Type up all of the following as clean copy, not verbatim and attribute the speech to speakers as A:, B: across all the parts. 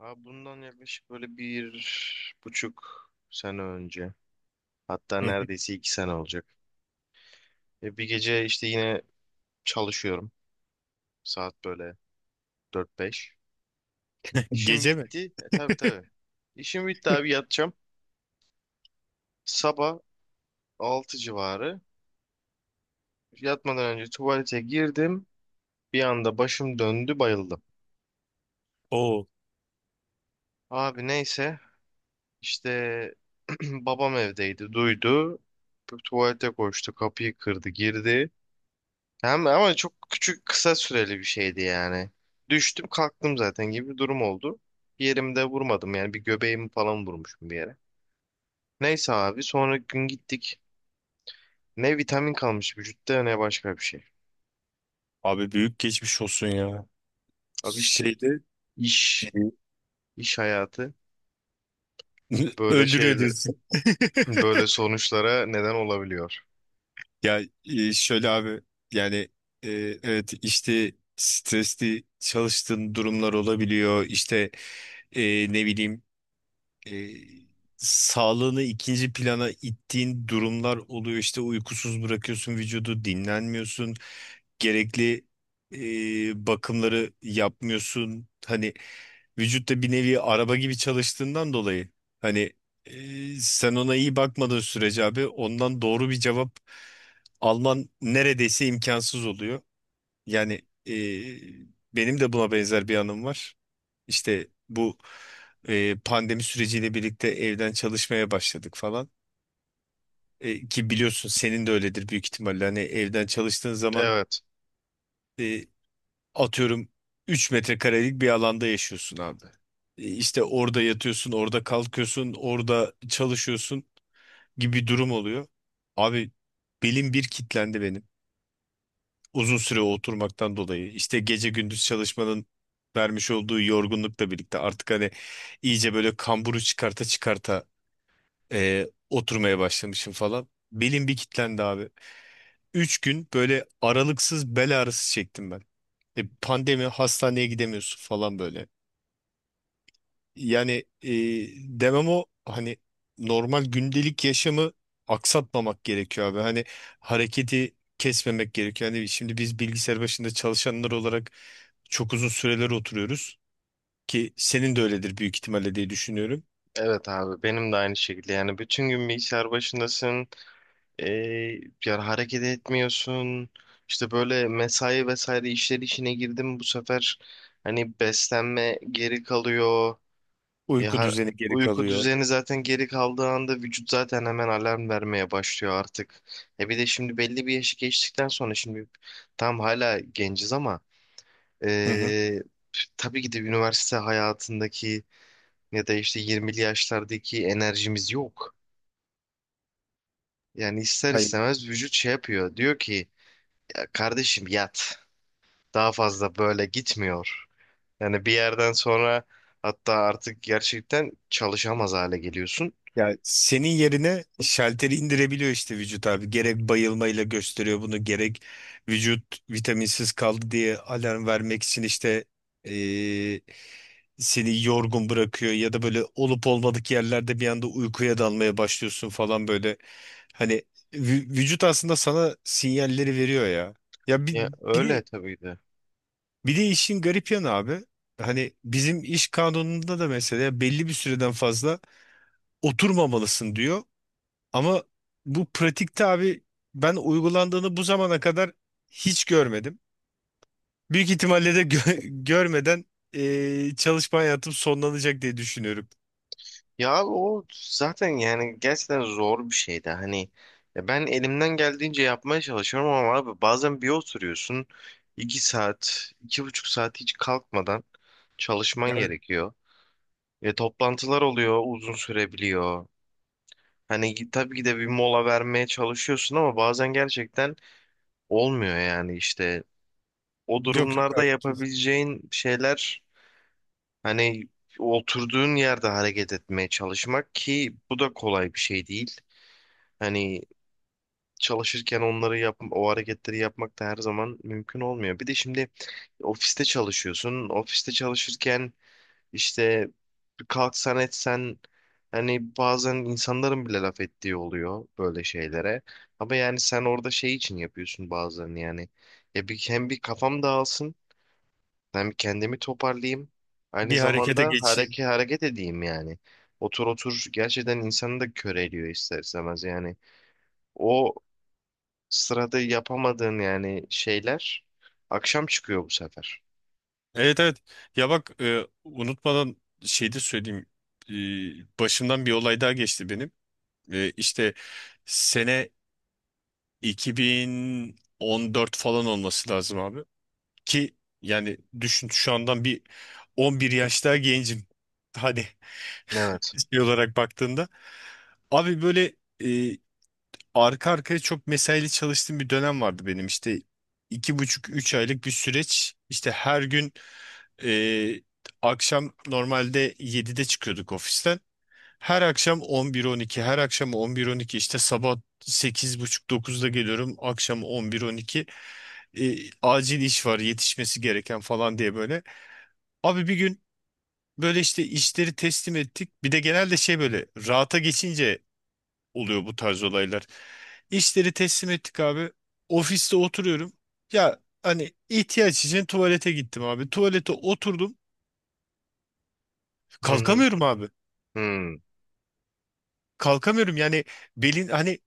A: Abi bundan yaklaşık böyle bir buçuk sene önce. Hatta neredeyse iki sene olacak. Bir gece işte yine çalışıyorum. Saat böyle dört beş. İşim
B: Gece mi?
A: bitti. Tabii, tabii. İşim bitti abi, yatacağım. Sabah 6 civarı. Yatmadan önce tuvalete girdim. Bir anda başım döndü, bayıldım.
B: Oo.
A: Abi neyse işte babam evdeydi, duydu. Tuvalete koştu, kapıyı kırdı, girdi. Hem ama çok küçük, kısa süreli bir şeydi yani. Düştüm kalktım zaten gibi bir durum oldu. Bir yerimde vurmadım yani, bir göbeğimi falan vurmuşum bir yere. Neyse abi sonra gün gittik. Ne vitamin kalmış vücutta, ne başka bir şey.
B: Abi büyük geçmiş olsun ya.
A: Abi işte
B: Şeyde e,
A: iş, iş hayatı böyle
B: öldürüyor
A: şeyle
B: diyorsun.
A: böyle sonuçlara neden olabiliyor.
B: Şöyle abi, yani e, evet işte stresli çalıştığın durumlar olabiliyor. İşte, ne bileyim, e, sağlığını ikinci plana ittiğin durumlar oluyor. İşte uykusuz bırakıyorsun vücudu, dinlenmiyorsun, gerekli bakımları yapmıyorsun. Hani vücutta bir nevi araba gibi çalıştığından dolayı, hani sen ona iyi bakmadığın sürece abi, ondan doğru bir cevap alman neredeyse imkansız oluyor. Yani e, benim de buna benzer bir anım var. İşte bu pandemi süreciyle birlikte evden çalışmaya başladık falan. Ki biliyorsun, senin de öyledir büyük ihtimalle. Hani evden çalıştığın zaman,
A: Evet.
B: e, atıyorum, 3 metrekarelik bir alanda yaşıyorsun abi. İşte orada yatıyorsun, orada kalkıyorsun, orada çalışıyorsun gibi bir durum oluyor. Abi belim bir kitlendi benim. Uzun süre oturmaktan dolayı. İşte gece gündüz çalışmanın vermiş olduğu yorgunlukla birlikte artık hani iyice böyle kamburu çıkarta çıkarta oturmaya başlamışım falan. Belim bir kilitlendi abi. Üç gün böyle aralıksız bel ağrısı çektim ben. Pandemi, hastaneye gidemiyorsun falan böyle. Yani demem o, hani normal gündelik yaşamı aksatmamak gerekiyor abi. Hani hareketi kesmemek gerekiyor. Hani şimdi biz bilgisayar başında çalışanlar olarak çok uzun süreler oturuyoruz, ki senin de öyledir büyük ihtimalle diye düşünüyorum.
A: Evet abi, benim de aynı şekilde, yani bütün gün bilgisayar başındasın. E, Yani hareket etmiyorsun. İşte böyle mesai vesaire işleri içine girdim bu sefer, hani beslenme geri kalıyor. E,
B: Uyku
A: har-
B: düzeni geri
A: Uyku
B: kalıyor.
A: düzeni zaten geri kaldığı anda vücut zaten hemen alarm vermeye başlıyor artık. E bir de şimdi belli bir yaşı geçtikten sonra şimdi tam hala genciz ama
B: Hı hı.
A: e, tabii ki de üniversite hayatındaki ya da işte 20'li yaşlardaki enerjimiz yok. Yani ister
B: Ay,
A: istemez vücut şey yapıyor. Diyor ki kardeşim yat. Daha fazla böyle gitmiyor. Yani bir yerden sonra hatta artık gerçekten çalışamaz hale geliyorsun.
B: ya senin yerine şalteri indirebiliyor işte vücut abi. Gerek bayılmayla gösteriyor bunu, gerek vücut vitaminsiz kaldı diye alarm vermek için işte, eee, seni yorgun bırakıyor ya da böyle olup olmadık yerlerde bir anda uykuya dalmaya başlıyorsun falan böyle. Hani vücut aslında sana sinyalleri veriyor ya. Ya bir,
A: Ya
B: bir de,
A: öyle, tabii de.
B: bir de işin garip yanı abi. Hani bizim iş kanununda da mesela belli bir süreden fazla oturmamalısın diyor. Ama bu pratikte abi, ben uygulandığını bu zamana kadar hiç görmedim. Büyük ihtimalle de görmeden, çalışma hayatım sonlanacak diye düşünüyorum.
A: Ya o zaten yani gerçekten zor bir şeydi. Hani ya ben elimden geldiğince yapmaya çalışıyorum ama abi bazen bir oturuyorsun iki saat, iki buçuk saat hiç kalkmadan çalışman
B: Evet.
A: gerekiyor. Ve toplantılar oluyor, uzun sürebiliyor. Tabii ki de bir mola vermeye çalışıyorsun ama bazen gerçekten olmuyor yani, işte o
B: Yok yok
A: durumlarda
B: abi, kesin.
A: yapabileceğin şeyler hani oturduğun yerde hareket etmeye çalışmak, ki bu da kolay bir şey değil. Hani çalışırken onları yap, o hareketleri yapmak da her zaman mümkün olmuyor. Bir de şimdi ofiste çalışıyorsun. Ofiste çalışırken işte kalksan etsen, hani bazen insanların bile laf ettiği oluyor böyle şeylere. Ama yani sen orada şey için yapıyorsun bazen yani. Ya bir, hem bir kafam dağılsın, ben bir kendimi toparlayayım. Aynı
B: Bir harekete
A: zamanda
B: geçeyim.
A: hareket edeyim yani. Otur otur gerçekten insanı da köreliyor ister istemez yani. O sırada yapamadığın yani şeyler akşam çıkıyor bu sefer.
B: Evet, evet. Ya bak, unutmadan şey de söyleyeyim. E, başımdan bir olay daha geçti benim. İşte sene 2014 falan olması lazım abi. Ki yani düşün, şu andan bir 11 yaş daha gencim. Hani
A: Evet.
B: şey olarak baktığında. Abi böyle, e, arka arkaya çok mesaili çalıştığım bir dönem vardı benim. İşte 2,5-3 aylık bir süreç. İşte her gün e, akşam normalde 7'de çıkıyorduk ofisten. Her akşam 11-12, her akşam 11-12, işte sabah 8.30-9'da geliyorum, akşam 11-12, acil iş var yetişmesi gereken falan diye böyle. Abi bir gün böyle işte işleri teslim ettik. Bir de genelde şey, böyle rahata geçince oluyor bu tarz olaylar. İşleri teslim ettik abi. Ofiste oturuyorum. Ya hani, ihtiyaç için tuvalete gittim abi. Tuvalete oturdum.
A: Hı hı.
B: Kalkamıyorum abi.
A: Hı.
B: Kalkamıyorum. Yani belin, hani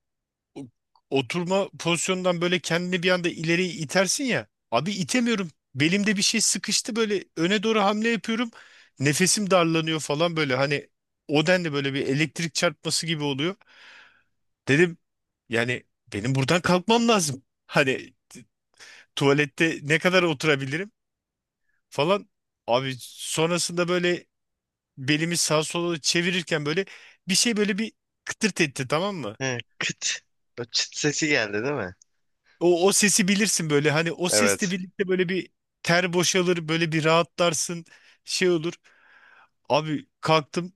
B: o- oturma pozisyonundan böyle kendini bir anda ileri itersin ya. Abi itemiyorum. Belimde bir şey sıkıştı, böyle öne doğru hamle yapıyorum. Nefesim darlanıyor falan böyle, hani o denli böyle bir elektrik çarpması gibi oluyor. Dedim yani benim buradan kalkmam lazım. Hani tuvalette ne kadar oturabilirim falan. Abi sonrasında böyle belimi sağa sola çevirirken böyle bir şey, böyle bir kıtırt etti, tamam mı?
A: He, kıt. O çıt sesi geldi değil mi?
B: O, o sesi bilirsin, böyle hani o sesle
A: Evet.
B: birlikte böyle bir ter boşalır, böyle bir rahatlarsın, şey olur. Abi kalktım,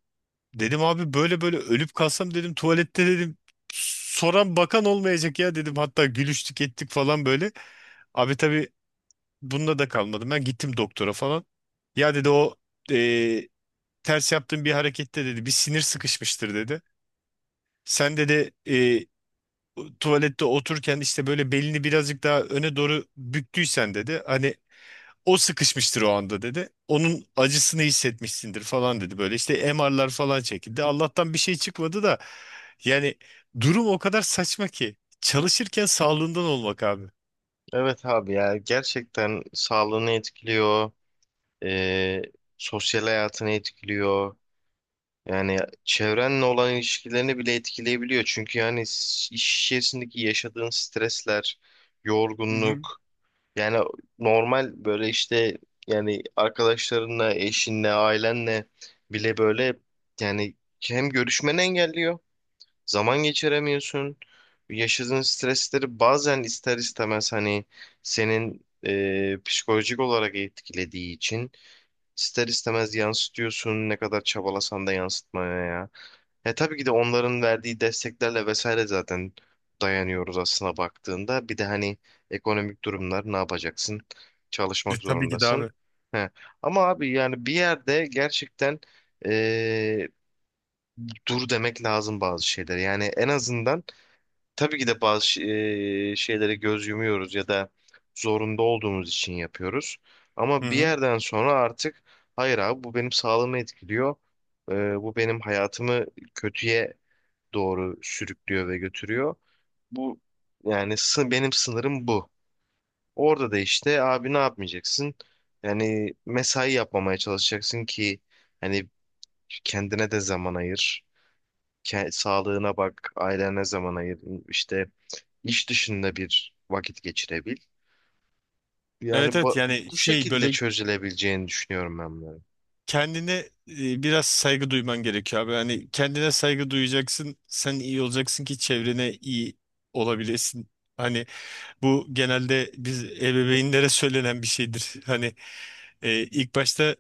B: dedim abi böyle böyle ölüp kalsam dedim tuvalette, dedim soran bakan olmayacak ya, dedim, hatta gülüştük ettik falan böyle. Abi tabii bununla da kalmadım, ben gittim doktora falan. Ya dedi, o eee, ters yaptığın bir harekette dedi bir sinir sıkışmıştır dedi. Sen dedi, tuvalette otururken işte böyle belini birazcık daha öne doğru büktüysen dedi. Hani o sıkışmıştır o anda dedi. Onun acısını hissetmişsindir falan dedi. Böyle işte MR'lar falan çekildi. Allah'tan bir şey çıkmadı da, yani durum o kadar saçma ki. Çalışırken sağlığından olmak abi.
A: Evet abi, ya gerçekten sağlığını etkiliyor. Ee, Sosyal hayatını etkiliyor. Yani çevrenle olan ilişkilerini bile etkileyebiliyor. Çünkü yani iş içerisindeki yaşadığın stresler, yorgunluk, yani normal böyle işte yani arkadaşlarınla, eşinle, ailenle bile böyle yani hem görüşmeni engelliyor, zaman geçiremiyorsun. Yaşadığın stresleri bazen ister istemez hani senin psikolojik olarak etkilediği için ister istemez yansıtıyorsun ne kadar çabalasan da yansıtmaya ya. E tabii ki de onların verdiği desteklerle vesaire zaten dayanıyoruz aslına baktığında. Bir de hani ekonomik durumlar, ne yapacaksın? Çalışmak
B: Tabii ki de
A: zorundasın.
B: abi.
A: He. Ama abi yani bir yerde gerçekten e, dur demek lazım bazı şeyler. Yani en azından tabii ki de şeylere göz yumuyoruz ya da zorunda olduğumuz için yapıyoruz.
B: Hı
A: Ama bir
B: hı.
A: yerden sonra artık hayır abi, bu benim sağlığımı etkiliyor. Eee, Bu benim hayatımı kötüye doğru sürüklüyor ve götürüyor. Bu yani benim sınırım bu. Orada da işte abi ne yapmayacaksın? Yani mesai yapmamaya çalışacaksın ki hani kendine de zaman ayır. Sağlığına bak, ailene zaman ayır. İşte İş dışında bir vakit geçirebil. Yani
B: Evet, evet, yani
A: bu
B: şey
A: şekilde
B: böyle,
A: çözülebileceğini düşünüyorum ben bunların.
B: kendine biraz saygı duyman gerekiyor abi. Hani kendine saygı duyacaksın. Sen iyi olacaksın ki çevrene iyi olabilesin. Hani bu genelde biz ebeveynlere söylenen bir şeydir. Hani ilk başta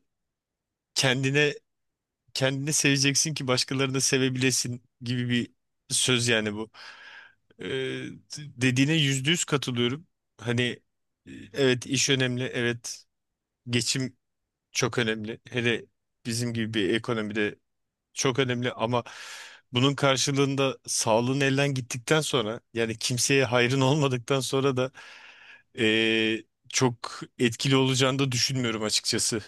B: kendine, kendini seveceksin ki başkalarını da sevebilesin gibi bir söz yani bu. Ee, Dediğine %100 katılıyorum. Hani evet iş önemli, evet geçim çok önemli. Hele bizim gibi bir ekonomide çok önemli, ama bunun karşılığında sağlığın elden gittikten sonra, yani kimseye hayrın olmadıktan sonra da e, çok etkili olacağını da düşünmüyorum açıkçası.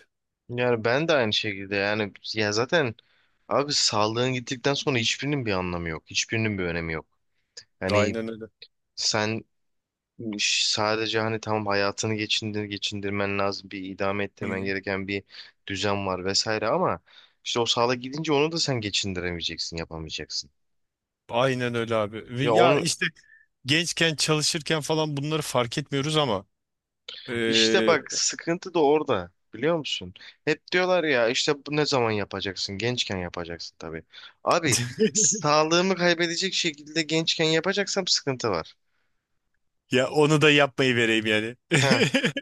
A: Yani ben de aynı şekilde yani, ya zaten abi sağlığın gittikten sonra hiçbirinin bir anlamı yok. Hiçbirinin bir önemi yok. Yani
B: Aynen öyle.
A: sen sadece hani tamam, hayatını geçindir, geçindirmen lazım. Bir idame ettirmen gereken bir düzen var vesaire ama işte o sağlık gidince onu da sen geçindiremeyeceksin, yapamayacaksın.
B: Aynen öyle abi. Ve
A: Ya
B: ya
A: onu.
B: işte gençken çalışırken falan bunları fark etmiyoruz ama
A: İşte
B: eee,
A: bak, sıkıntı da orada biliyor musun? Hep diyorlar ya işte, bu ne zaman yapacaksın? Gençken yapacaksın tabii. Abi sağlığımı kaybedecek şekilde gençken yapacaksam sıkıntı var.
B: ya onu da yapmayı vereyim yani.
A: He.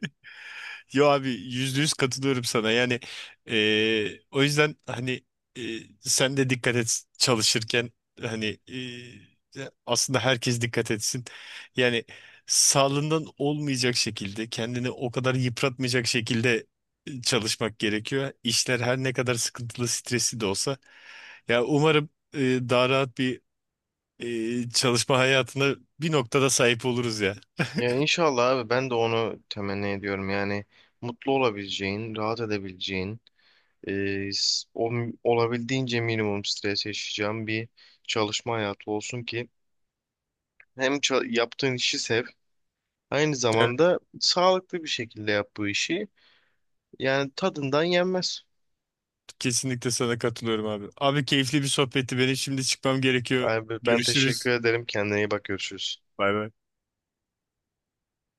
B: Yo abi, %100 katılıyorum sana. Yani o yüzden hani, sen de dikkat et çalışırken, hani aslında herkes dikkat etsin. Yani sağlığından olmayacak şekilde, kendini o kadar yıpratmayacak şekilde çalışmak gerekiyor. İşler her ne kadar sıkıntılı, stresli de olsa. Ya umarım daha rahat bir, çalışma hayatına bir noktada sahip oluruz ya.
A: Ya inşallah abi, ben de onu temenni ediyorum. Yani mutlu olabileceğin, rahat edebileceğin, e, s- o, olabildiğince minimum stres yaşayacağın bir çalışma hayatı olsun ki hem yaptığın işi sev, aynı zamanda sağlıklı bir şekilde yap bu işi. Yani tadından yenmez.
B: Kesinlikle sana katılıyorum abi. Abi keyifli bir sohbetti. Benim şimdi çıkmam gerekiyor.
A: Abi ben teşekkür
B: Görüşürüz.
A: ederim. Kendine iyi bak, görüşürüz.
B: Bay bay.